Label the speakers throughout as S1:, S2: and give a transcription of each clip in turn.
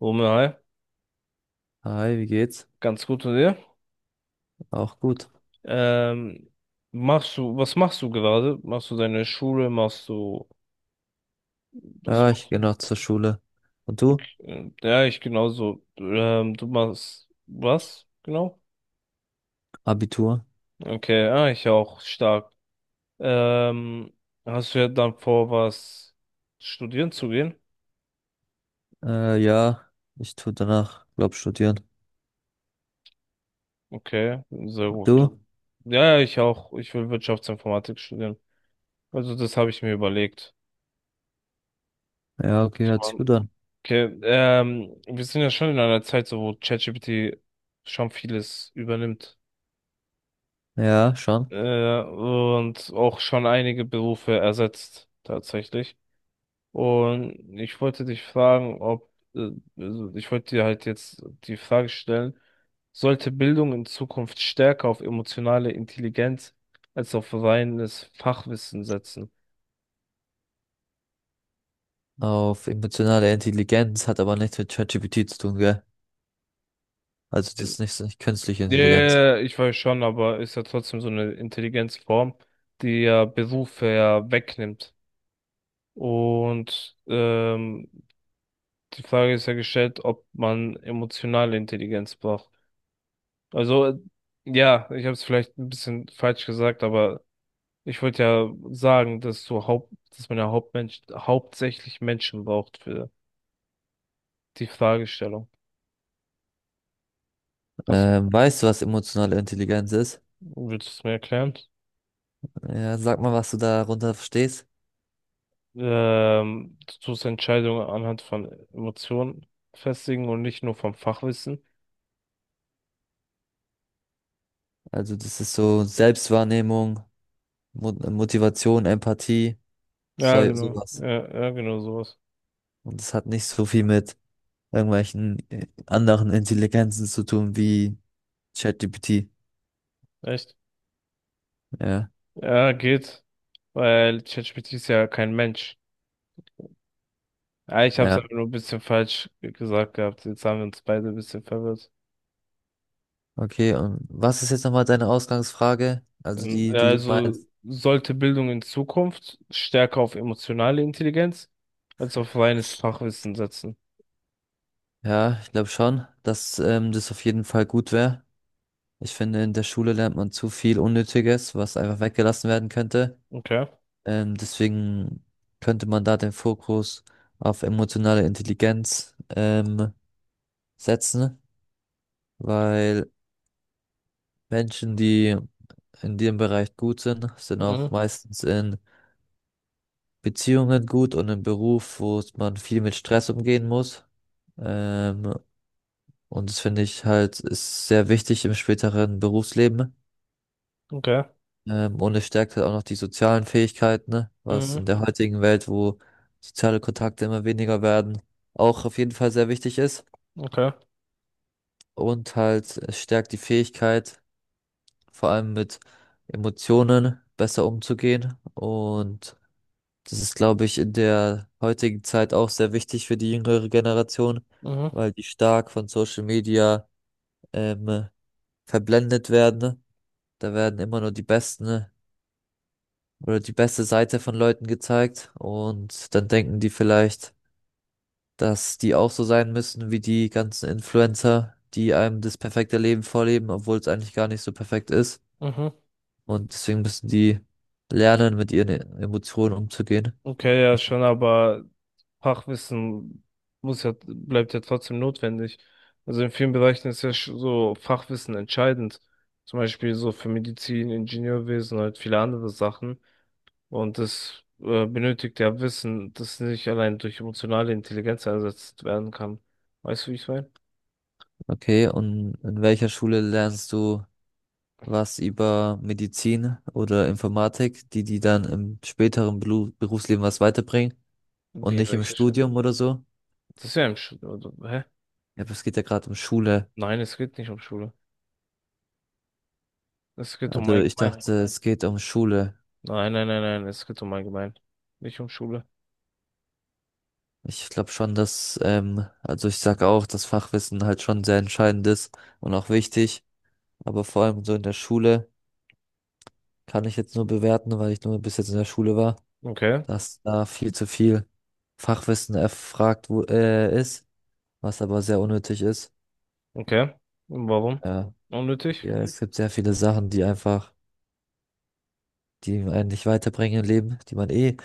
S1: Romeo, hi.
S2: Hi, wie geht's?
S1: Ganz gut und dir.
S2: Auch gut.
S1: Ähm, was machst du gerade? Machst du deine Schule? Was
S2: Ja, ich
S1: machst
S2: gehe
S1: du?
S2: noch zur Schule. Und du?
S1: Ja, ich genauso. Du machst was? Genau?
S2: Abitur?
S1: Okay, ah, ich auch, stark. Ähm, hast du ja dann vor, was studieren zu gehen?
S2: Ja, ich tu danach, glaub, studieren.
S1: Okay, sehr gut.
S2: Du?
S1: Ja, ja, ich auch. Ich will Wirtschaftsinformatik studieren. Also das habe ich mir überlegt.
S2: Ja, okay, hört sich gut an.
S1: Okay, wir sind ja schon in einer Zeit, so wo ChatGPT schon vieles übernimmt.
S2: Ja, schon.
S1: Und auch schon einige Berufe ersetzt, tatsächlich. Und ich wollte dich fragen, ob, also ich wollte dir halt jetzt die Frage stellen, sollte Bildung in Zukunft stärker auf emotionale Intelligenz als auf reines Fachwissen setzen?
S2: Auf emotionale Intelligenz hat aber nichts mit ChatGPT zu tun, gell? Also das ist nicht, so- nicht künstliche
S1: Ja, ja,
S2: Intelligenz.
S1: ja, ich weiß schon, aber ist ja trotzdem so eine Intelligenzform, die ja Berufe ja wegnimmt. Und die Frage ist ja gestellt, ob man emotionale Intelligenz braucht. Also, ja, ich habe es vielleicht ein bisschen falsch gesagt, aber ich wollte ja sagen, dass man ja Hauptmensch, hauptsächlich Menschen braucht für die Fragestellung. Hast,
S2: Weißt du, was emotionale Intelligenz ist?
S1: willst du es mir erklären?
S2: Ja, sag mal, was du darunter verstehst.
S1: Du tust Entscheidungen anhand von Emotionen festigen und nicht nur vom Fachwissen.
S2: Also das ist so Selbstwahrnehmung, Mo Motivation, Empathie,
S1: Ja, genau.
S2: sowas.
S1: Ja, ja, genau sowas.
S2: Und das hat nicht so viel mit irgendwelchen anderen Intelligenzen zu tun, wie ChatGPT.
S1: Echt?
S2: Ja,
S1: Ja, geht. Weil ChatGPT ist ja kein Mensch. Ah, ich habe es
S2: ja.
S1: aber nur ein bisschen falsch gesagt gehabt. Jetzt haben wir uns beide ein bisschen verwirrt.
S2: Okay, und was ist jetzt nochmal deine Ausgangsfrage? Also die,
S1: Ja,
S2: die du
S1: also
S2: meinst.
S1: sollte Bildung in Zukunft stärker auf emotionale Intelligenz als auf reines Fachwissen setzen.
S2: Ja, ich glaube schon, dass das auf jeden Fall gut wäre. Ich finde, in der Schule lernt man zu viel Unnötiges, was einfach weggelassen werden könnte.
S1: Okay.
S2: Deswegen könnte man da den Fokus auf emotionale Intelligenz setzen, weil Menschen, die in dem Bereich gut sind, sind auch
S1: Mhm.
S2: meistens in Beziehungen gut und im Beruf, wo es- man viel mit Stress umgehen muss. Ähm, und das finde ich halt ist sehr wichtig im späteren Berufsleben.
S1: Okay.
S2: Und es stärkt halt auch noch die sozialen Fähigkeiten, ne? Was in
S1: Mhm.
S2: der heutigen Welt, wo soziale Kontakte immer weniger werden, auch auf jeden Fall sehr wichtig ist.
S1: Okay.
S2: Und halt es stärkt die Fähigkeit, vor allem mit Emotionen besser umzugehen, und das ist, glaube ich, in der heutigen Zeit auch sehr wichtig für die jüngere Generation,
S1: Mhm.
S2: weil die stark von Social Media ähm, verblendet werden, ne? Da werden immer nur die besten, ne, oder die beste Seite von Leuten gezeigt, und dann denken die vielleicht, dass die auch so sein müssen wie die ganzen Influencer, die einem das perfekte Leben vorleben, obwohl es eigentlich gar nicht so perfekt ist.
S1: Mhm.
S2: Und deswegen müssen die lernen, mit ihren Emotionen umzugehen.
S1: Okay, ja
S2: Richtig.
S1: schon, aber Fachwissen bleibt ja trotzdem notwendig. Also in vielen Bereichen ist ja so Fachwissen entscheidend. Zum Beispiel so für Medizin, Ingenieurwesen und halt viele andere Sachen. Und das benötigt ja Wissen, das nicht allein durch emotionale Intelligenz ersetzt werden kann. Weißt du, wie ich meine?
S2: Okay, und in welcher Schule lernst du was über Medizin oder Informatik, die die dann im späteren Berufsleben was weiterbringen und
S1: Wie
S2: nicht im
S1: welche Schule?
S2: Studium oder so.
S1: Das ist ja im Schule, oder? Hä?
S2: Ja, aber es geht ja gerade um Schule.
S1: Nein, es geht nicht um Schule. Es geht um
S2: Also ich
S1: allgemein.
S2: dachte, es geht um Schule.
S1: Nein, es geht um allgemein. Nicht um Schule.
S2: Ich glaube schon, dass, also ich sage auch, dass Fachwissen halt schon sehr entscheidend ist und auch wichtig. Aber vor allem so in der Schule kann ich jetzt nur bewerten, weil ich nur bis jetzt in der Schule war,
S1: Okay.
S2: dass da viel zu viel Fachwissen erfragt wo, ist, was aber sehr unnötig ist.
S1: Okay. Warum?
S2: Ja.
S1: Unnötig?
S2: Ja, es gibt sehr viele Sachen, die einfach, die einen nicht weiterbringen im Leben, die man eh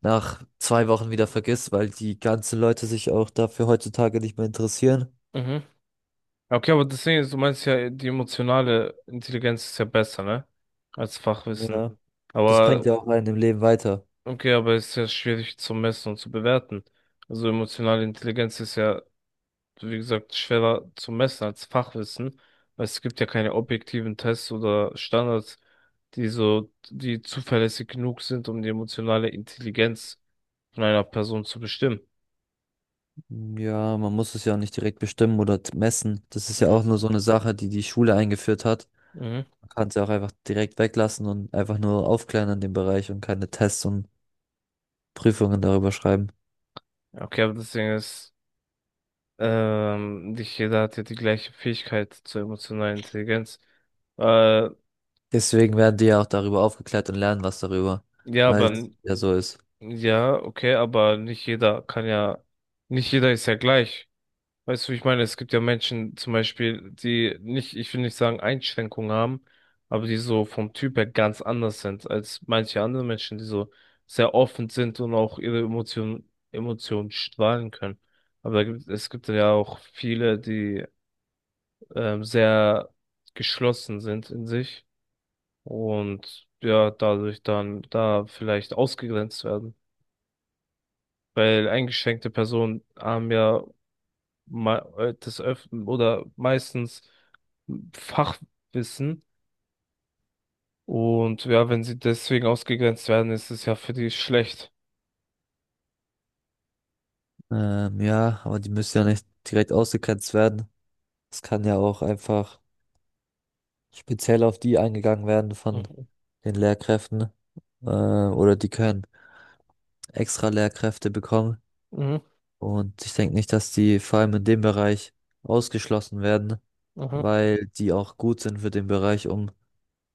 S2: nach 2 Wochen wieder vergisst, weil die ganzen Leute sich auch dafür heutzutage nicht mehr interessieren.
S1: Mhm. Okay, aber das Ding ist, du meinst ja, die emotionale Intelligenz ist ja besser, ne? Als Fachwissen.
S2: Ja, das
S1: Aber,
S2: bringt ja auch einen im Leben weiter.
S1: okay, aber ist ja schwierig zu messen und zu bewerten. Also emotionale Intelligenz ist ja, wie gesagt, schwerer zu messen als Fachwissen, weil es gibt ja keine objektiven Tests oder Standards, die zuverlässig genug sind, um die emotionale Intelligenz von einer Person zu bestimmen.
S2: Ja, man muss es ja auch nicht direkt bestimmen oder messen. Das ist ja
S1: Mhm.
S2: auch nur so eine Sache, die die Schule eingeführt hat.
S1: Mhm.
S2: Man kann es ja auch einfach direkt weglassen und einfach nur aufklären in dem Bereich und keine Tests und Prüfungen darüber schreiben.
S1: Okay, aber das Ding ist, nicht jeder hat ja die gleiche Fähigkeit zur emotionalen Intelligenz. Äh,
S2: Deswegen werden die ja auch darüber aufgeklärt und lernen was darüber,
S1: ja,
S2: weil
S1: aber ja.
S2: es ja so ist.
S1: Ja, okay, aber nicht jeder ist ja gleich. Weißt du, wie ich meine, es gibt ja Menschen zum Beispiel, die nicht, ich will nicht sagen Einschränkungen haben, aber die so vom Typ her ganz anders sind als manche andere Menschen, die so sehr offen sind und auch ihre Emotionen strahlen können. Aber es gibt ja auch viele, die sehr geschlossen sind in sich und ja, dadurch dann da vielleicht ausgegrenzt werden. Weil eingeschränkte Personen haben ja des Öfteren oder meistens Fachwissen und ja, wenn sie deswegen ausgegrenzt werden, ist es ja für die schlecht.
S2: Ja, aber die müssen ja nicht direkt ausgegrenzt werden. Es kann ja auch einfach speziell auf die eingegangen werden von
S1: Mhm.
S2: den Lehrkräften. Oder die können extra Lehrkräfte bekommen.
S1: Mhm.
S2: Und ich denke nicht, dass die vor allem in dem Bereich ausgeschlossen werden,
S1: Mhm.
S2: weil die auch gut sind für den Bereich. Um,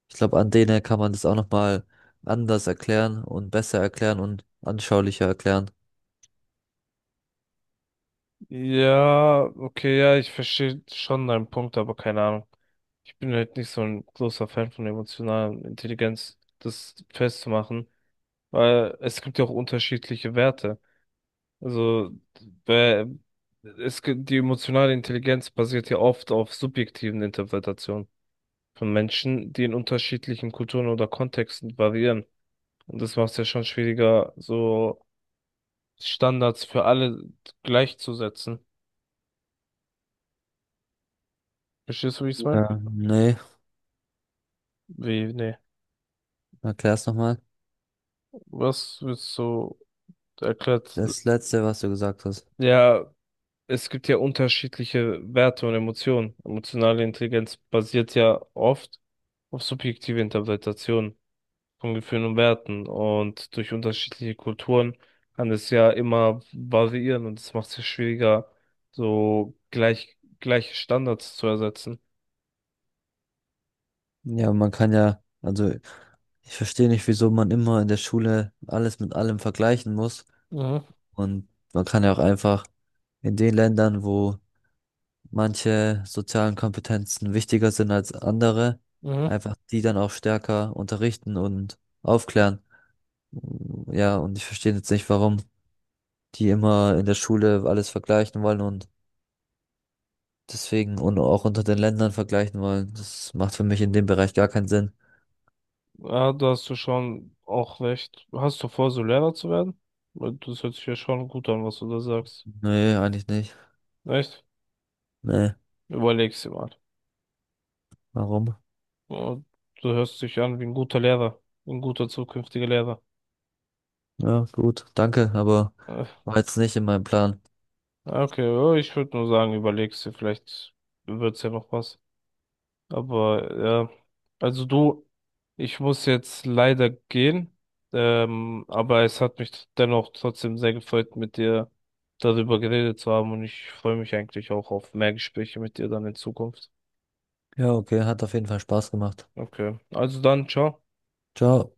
S2: ich glaube, an denen kann man das auch nochmal anders erklären und besser erklären und anschaulicher erklären.
S1: Ja, okay, ja, ich verstehe schon deinen Punkt, aber keine Ahnung. Ich bin halt nicht so ein großer Fan von emotionaler Intelligenz, das festzumachen. Weil es gibt ja auch unterschiedliche Werte. Also bei- die emotionale Intelligenz basiert ja oft auf subjektiven Interpretationen von Menschen, die in unterschiedlichen Kulturen oder Kontexten variieren. Und das macht es ja schon schwieriger, so Standards für alle gleichzusetzen. Verstehst du, wie ich es meine?
S2: Ja, nee,
S1: Wie, nee.
S2: erklär's nochmal.
S1: Was willst du erklärt?
S2: Das letzte, was du gesagt hast.
S1: Ja, es gibt ja unterschiedliche Werte und Emotionen. Emotionale Intelligenz basiert ja oft auf subjektive Interpretationen von Gefühlen und Werten. Und durch unterschiedliche Kulturen kann es ja immer variieren und es macht es ja schwieriger, so gleiche Standards zu ersetzen.
S2: Ja, man kann ja, also ich verstehe nicht, wieso man immer in der Schule alles mit allem vergleichen muss.
S1: Mhm.
S2: Und man kann ja auch einfach in den Ländern, wo manche sozialen Kompetenzen wichtiger sind als andere,
S1: Mhm.
S2: einfach die dann auch stärker unterrichten und aufklären. Ja, und ich verstehe jetzt nicht, warum die immer in der Schule alles vergleichen wollen und deswegen und auch unter den Ländern vergleichen wollen. Das macht für mich in dem Bereich gar keinen Sinn.
S1: Ja, da hast du schon auch recht. Hast du vor, so Lehrer zu werden? Weil das hört sich ja schon gut an, was du da sagst.
S2: Nee, eigentlich nicht.
S1: Echt?
S2: Nee,
S1: Überleg's dir mal.
S2: warum?
S1: Oh, du hörst dich an wie ein guter Lehrer, ein guter zukünftiger Lehrer.
S2: Ja, gut, danke, aber
S1: Äh,
S2: war jetzt nicht in meinem Plan.
S1: ja, okay, oh, ich würde nur sagen, überlegst dir, vielleicht wird's ja noch was. Aber ja, also du, ich muss jetzt leider gehen. Aber es hat mich dennoch trotzdem sehr gefreut, mit dir darüber geredet zu haben und ich freue mich eigentlich auch auf mehr Gespräche mit dir dann in Zukunft.
S2: Ja, okay, hat auf jeden Fall Spaß gemacht.
S1: Okay, also dann, ciao.
S2: Ciao.